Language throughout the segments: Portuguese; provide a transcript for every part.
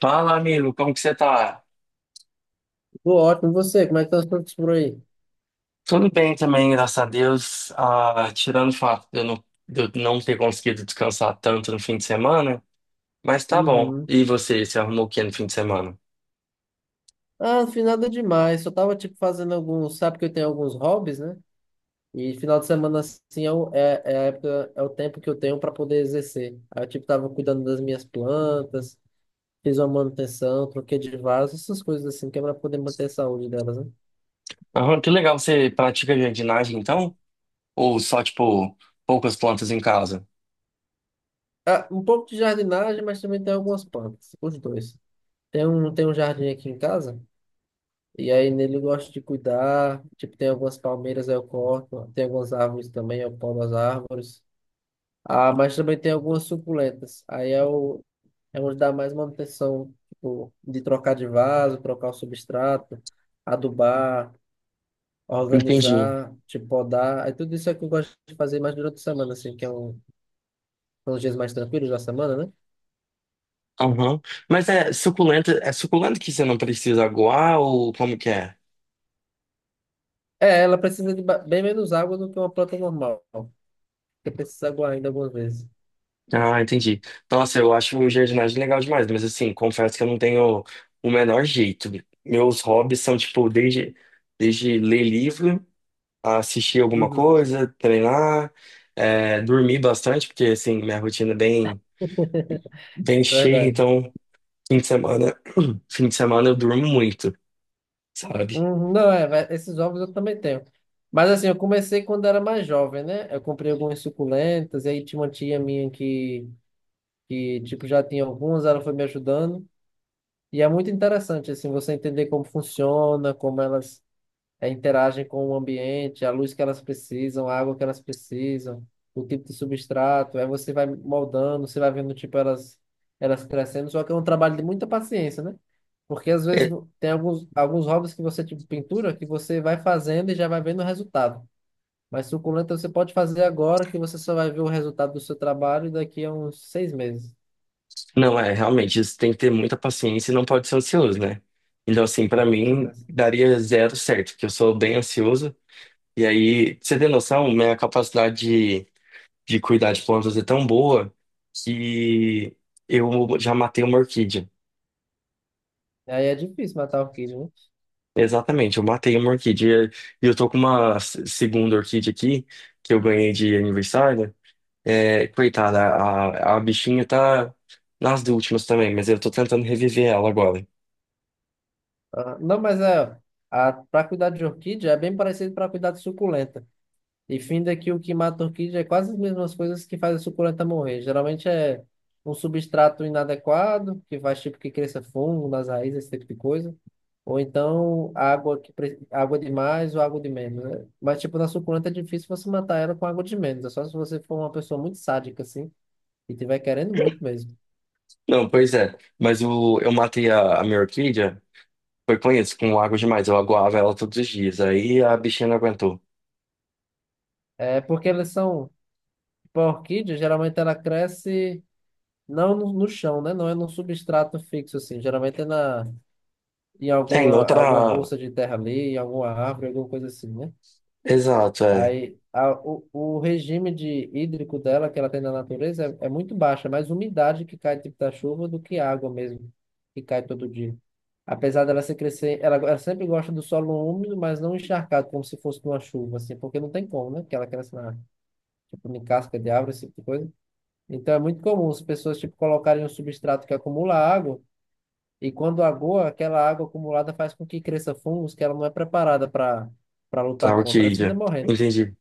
Fala, amigo, como que você tá? Tô ótimo, e você? Como é que tá os frutos por aí? Tudo bem também, graças a Deus. Ah, tirando o fato de eu não ter conseguido descansar tanto no fim de semana, mas tá bom. Uhum. E você arrumou o que no fim de semana? Ah, não fiz nada demais. Só tava, tipo, fazendo alguns... Sabe que eu tenho alguns hobbies, né? E final de semana, assim, é, é, é a época, é o tempo que eu tenho para poder exercer. Aí eu, tipo, tava cuidando das minhas plantas, fiz uma manutenção, troquei de vaso, essas coisas assim, que é pra poder manter a saúde delas, né? Aham, que legal, você pratica jardinagem então? Ou só, tipo, poucas plantas em casa? Ah, um pouco de jardinagem, mas também tem algumas plantas, os dois. Tem um jardim aqui em casa, e aí nele eu gosto de cuidar. Tipo, tem algumas palmeiras aí eu corto, tem algumas árvores também, eu podo as árvores. Ah, mas também tem algumas suculentas. Aí é o é onde dá mais manutenção, tipo, de trocar de vaso, trocar o substrato, adubar, Entendi. organizar, tipo, podar. Aí tudo isso é que eu gosto de fazer mais durante a semana, assim, são os dias mais tranquilos da semana, né? Aham. Mas é suculenta que você não precisa aguar ou como que é? É, ela precisa de bem menos água do que uma planta normal, porque precisa aguar ainda algumas vezes. Ah, entendi. Nossa, eu acho jardinagem legal demais, mas assim, confesso que eu não tenho o menor jeito. Meus hobbies são, tipo, desde ler livro, assistir alguma Uhum. coisa, treinar, dormir bastante, porque, assim, minha rotina é bem, bem cheia, Verdade. então, fim de semana, fim de semana eu durmo muito, sabe? Não, é, esses ovos eu também tenho. Mas assim, eu comecei quando era mais jovem, né? Eu comprei algumas suculentas, e aí tinha uma tia minha que tipo, já tinha algumas, ela foi me ajudando. E é muito interessante, assim, você entender como funciona, como elas é, interagem com o ambiente, a luz que elas precisam, a água que elas precisam, o tipo de substrato. Aí você vai moldando, você vai vendo, tipo, elas crescendo. Só que é um trabalho de muita paciência, né? Porque às vezes É, tem alguns hobbies que você, tipo pintura, que você vai fazendo e já vai vendo o resultado. Mas suculenta você pode fazer agora, que você só vai ver o resultado do seu trabalho daqui a uns 6 meses. não, é, realmente, isso tem que ter muita paciência e não pode ser ansioso, né? Então, assim, pra Com mim, certeza. daria zero certo, porque eu sou bem ansioso. E aí, você tem noção, minha capacidade de, de cuidar de plantas é tão boa que eu já matei uma orquídea. E aí é difícil matar a orquídea, né? Exatamente, eu matei uma orquídea. E eu tô com uma segunda orquídea aqui, que eu ganhei de aniversário. É, coitada, a bichinha tá nas últimas também, mas eu tô tentando reviver ela agora. Ah, não, mas é, a, para cuidar de orquídea é bem parecido para cuidar de suculenta. E finda que o que mata a orquídea é quase as mesmas coisas que faz a suculenta morrer. Geralmente é um substrato inadequado, que faz tipo que cresça fungo nas raízes, esse tipo de coisa. Ou então água que água de mais ou água de menos, né? Mas tipo na suculenta é difícil você matar ela com água de menos, é só se você for uma pessoa muito sádica assim e tiver querendo muito mesmo. Não, pois é, mas o, eu matei a minha orquídea, foi com isso, com água demais. Eu aguava ela todos os dias, aí a bichinha não aguentou. É porque elas são, tipo, a orquídea geralmente ela cresce não no chão, né? Não é num substrato fixo assim, geralmente é na em É, em alguma outra. bolsa de terra ali, em alguma árvore, alguma coisa assim, né? Exato, é. Aí, o regime de hídrico dela, que ela tem na natureza, é muito baixo, é mais umidade que cai tipo da chuva do que água mesmo, que cai todo dia. Apesar dela se crescer, ela sempre gosta do solo úmido, mas não encharcado, como se fosse uma chuva, assim, porque não tem como, né? Que ela cresce na, tipo, em casca de árvore, esse tipo de coisa. Então é muito comum as pessoas, tipo, colocarem um substrato que acumula água, e quando agoa, aquela água acumulada faz com que cresça fungos que ela não é preparada para lutar Claro que contra, e fina ilha. morrendo. Entendi.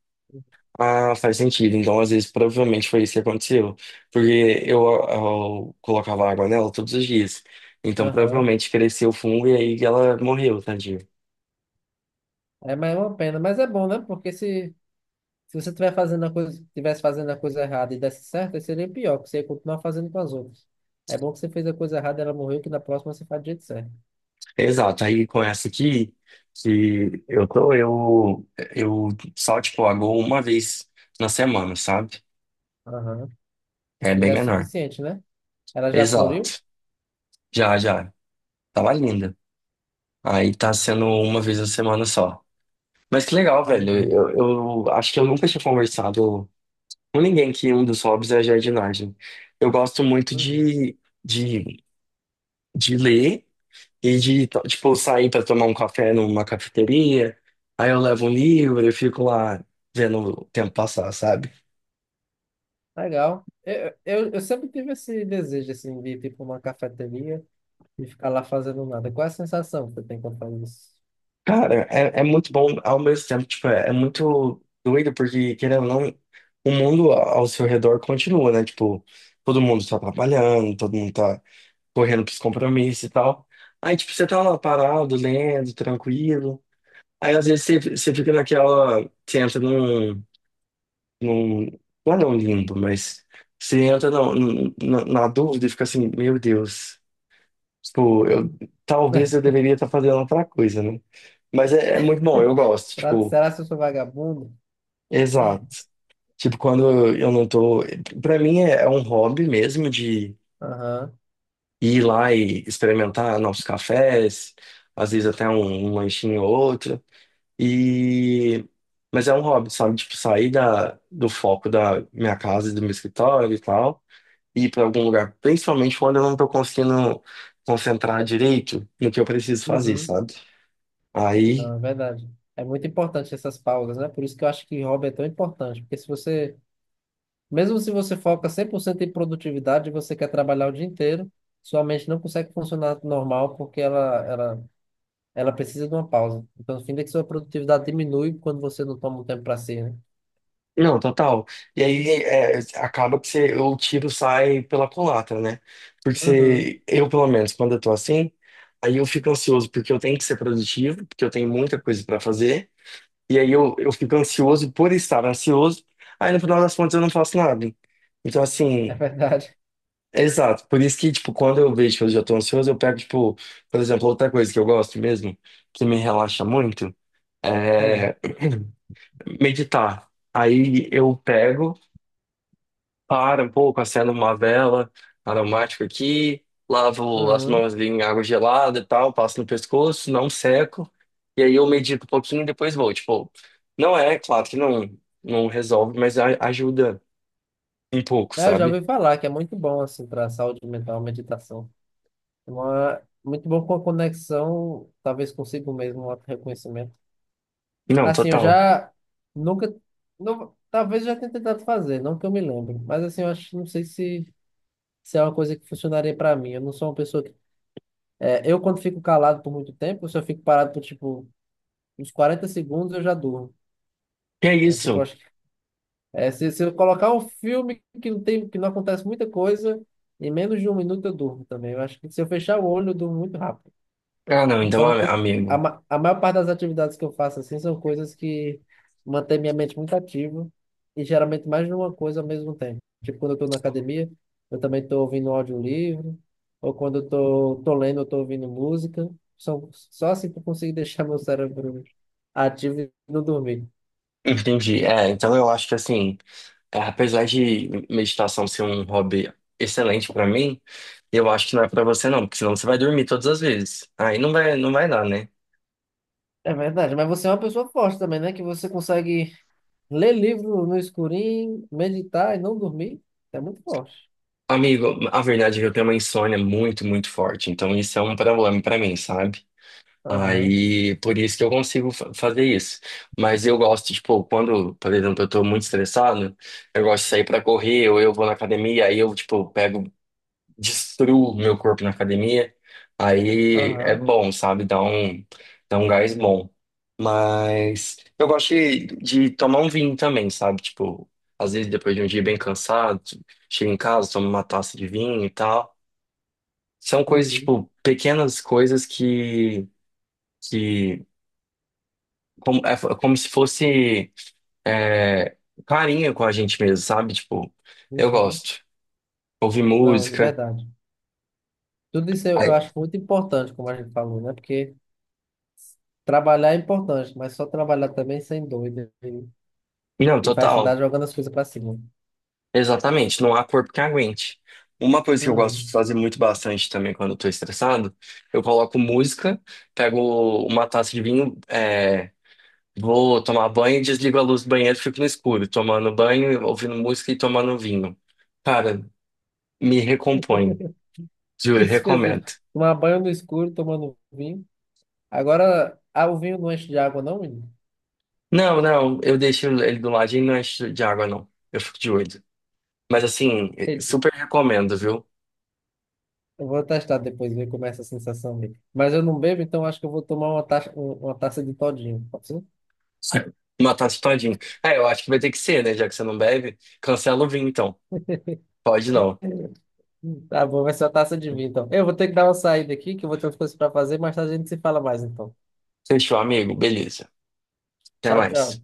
Ah, faz sentido. Então, às vezes, provavelmente foi isso que aconteceu. Porque eu colocava água nela todos os dias. Então, Aham. provavelmente cresceu o fungo e aí ela morreu, tadinha. É, mas é uma pena, mas é bom, né? Porque se você tiver fazendo a coisa, tivesse fazendo a coisa errada e desse certo, aí seria pior, porque você ia continuar fazendo com as outras. É bom que você fez a coisa errada, ela morreu, que na próxima você faz do jeito certo. Exato. Aí, com essa aqui, que eu só, tipo, aguo uma vez na semana, sabe? Aham. É E bem já é menor. suficiente, né? Ela já floriu? Exato. Já, já. Tava linda. Aí tá sendo uma vez na semana só. Mas que legal, velho. Uhum. Eu acho que eu nunca tinha conversado com ninguém que um dos hobbies é a jardinagem. Eu gosto muito Uhum. De, de ler e tipo, sair para tomar um café numa cafeteria. Aí eu levo um livro e fico lá vendo o tempo passar, sabe? Legal. Eu sempre tive esse desejo, assim, de ir, tipo, uma cafeteria e ficar lá fazendo nada. Qual é a sensação que você tem quando faz isso? Cara, é muito bom ao mesmo tempo, tipo, é muito doido porque, querendo ou não, o mundo ao seu redor continua, né? Tipo, todo mundo tá trabalhando, todo mundo tá correndo pros compromissos e tal. Aí, tipo, você tá lá parado, lendo, tranquilo. Aí, às vezes, você fica naquela. Você entra num. Não é não limbo, mas. Você entra na dúvida e fica assim: meu Deus. Tipo, eu, talvez eu deveria estar fazendo outra coisa, né? Mas é muito bom, eu gosto. Tipo, Será que eu sou vagabundo? exato. Tipo, quando eu não tô. Pra mim é um hobby mesmo de Aham. ir lá e experimentar novos cafés, às vezes até um lanchinho ou outro. E mas é um hobby, sabe? Tipo, sair da, do foco da minha casa, e do meu escritório e tal, e ir para algum lugar, principalmente quando eu não tô conseguindo concentrar direito no que eu preciso fazer, Uhum. sabe? Aí Não, é verdade. É muito importante essas pausas, né? Por isso que eu acho que hobby é tão importante. Porque se você, mesmo se você foca 100% em produtividade, e você quer trabalhar o dia inteiro, sua mente não consegue funcionar normal porque ela precisa de uma pausa. Então, no fim, é que sua produtividade diminui quando você não toma um tempo para si, né? não, total. E aí é, acaba que você, o tiro sai pela culatra, né? Porque Uhum, você, eu, pelo menos, quando eu tô assim, aí eu fico ansioso porque eu tenho que ser produtivo, porque eu tenho muita coisa pra fazer. E aí eu fico ansioso por estar ansioso. Aí no final das contas eu não faço nada. Então, é assim, verdade. exato. Por isso que, tipo, quando eu vejo que eu já tô ansioso, eu pego, tipo, por exemplo, outra coisa que eu gosto mesmo, que me relaxa muito, Hum, é meditar. Aí eu pego. Para um pouco, acendo uma vela aromática aqui, lavo as uhum. mãos ali em água gelada e tal, passo no pescoço, não seco, e aí eu medito um pouquinho e depois vou. Tipo, não é, claro que não, não resolve, mas ajuda um pouco, É, eu já sabe? ouvi falar que é muito bom, assim, para a saúde mental, a meditação. É uma, muito bom com a conexão, talvez consigo mesmo, um auto-reconhecimento. Não, Assim, eu total. já nunca. Não, talvez eu já tenha tentado fazer, não que eu me lembre. Mas assim, eu acho, não sei se, se é uma coisa que funcionaria pra mim. Eu não sou uma pessoa que. É, eu, quando fico calado por muito tempo, se eu fico parado por tipo uns 40 segundos, eu já durmo. E é Então, tipo, eu isso. acho que. É, se eu colocar um filme que não tem, que não acontece muita coisa, em menos de 1 minuto eu durmo também. Eu acho que se eu fechar o olho, eu durmo muito rápido. Ah, não, então, Então, amigo, a maior parte das atividades que eu faço assim são coisas que mantêm minha mente muito ativa e geralmente mais de uma coisa ao mesmo tempo. Tipo, quando eu estou na academia, eu também estou ouvindo um audiolivro, ou quando eu estou tô lendo, eu estou ouvindo música. São, só assim que eu consigo deixar meu cérebro ativo e não dormir. entendi. É, então eu acho que assim, é, apesar de meditação ser um hobby excelente pra mim, eu acho que não é pra você não, porque senão você vai dormir todas as vezes. Aí não vai dar, né? É verdade, mas você é uma pessoa forte também, né? Que você consegue ler livro no escurinho, meditar e não dormir. É muito forte. Amigo, a verdade é que eu tenho uma insônia muito, muito forte, então isso é um problema pra mim, sabe? Aham, Aí, por isso que eu consigo fazer isso. Mas eu gosto, tipo, quando, por exemplo, eu tô muito estressado, eu gosto de sair pra correr, ou eu vou na academia, aí eu, tipo, pego destruo meu corpo na academia. Aí é aham. bom, sabe? Dá um gás bom. Mas eu gosto de tomar um vinho também, sabe? Tipo, às vezes depois de um dia bem cansado, chego em casa, tomo uma taça de vinho e tal. São coisas, Uhum. tipo, pequenas coisas que como, é como se fosse é, carinho com a gente mesmo, sabe? Tipo, eu Uhum. gosto. Ouvir Não, é música. verdade. Tudo isso eu Aí- acho muito importante, como a gente falou, né? Porque trabalhar é importante, mas só trabalhar também sem doido. Não, E vai total. afundar jogando as coisas pra cima. Exatamente, não há corpo que aguente. Uma coisa que eu gosto de Uhum. fazer muito bastante também quando eu tô estressado, eu coloco música, pego uma taça de vinho, vou tomar banho, desligo a luz do banheiro, fico no escuro, tomando banho, ouvindo música e tomando vinho. Cara, me recompõe, Que juro, recomendo. específico. Tomar banho no escuro, tomando vinho. Agora, ah, o vinho não enche de água, não, menino? Não, não, eu deixo ele do ladinho e não encho de água, não. Eu fico de olho. Mas assim, Entendi. super recomendo, viu? Eu vou testar depois, ver como é essa sensação dele. Mas eu não bebo, então acho que eu vou tomar uma taça, uma taça de todinho. Pode ser? Matar isso todinho. É, eu acho que vai ter que ser, né? Já que você não bebe, cancela o vinho, então. Pode não. Tá bom, vai ser uma taça de vinho, então. Eu vou ter que dar uma saída aqui, que eu vou ter umas coisas pra fazer, mas a gente se fala mais, então. Fechou, amigo. Beleza. Até Tchau, mais. tchau.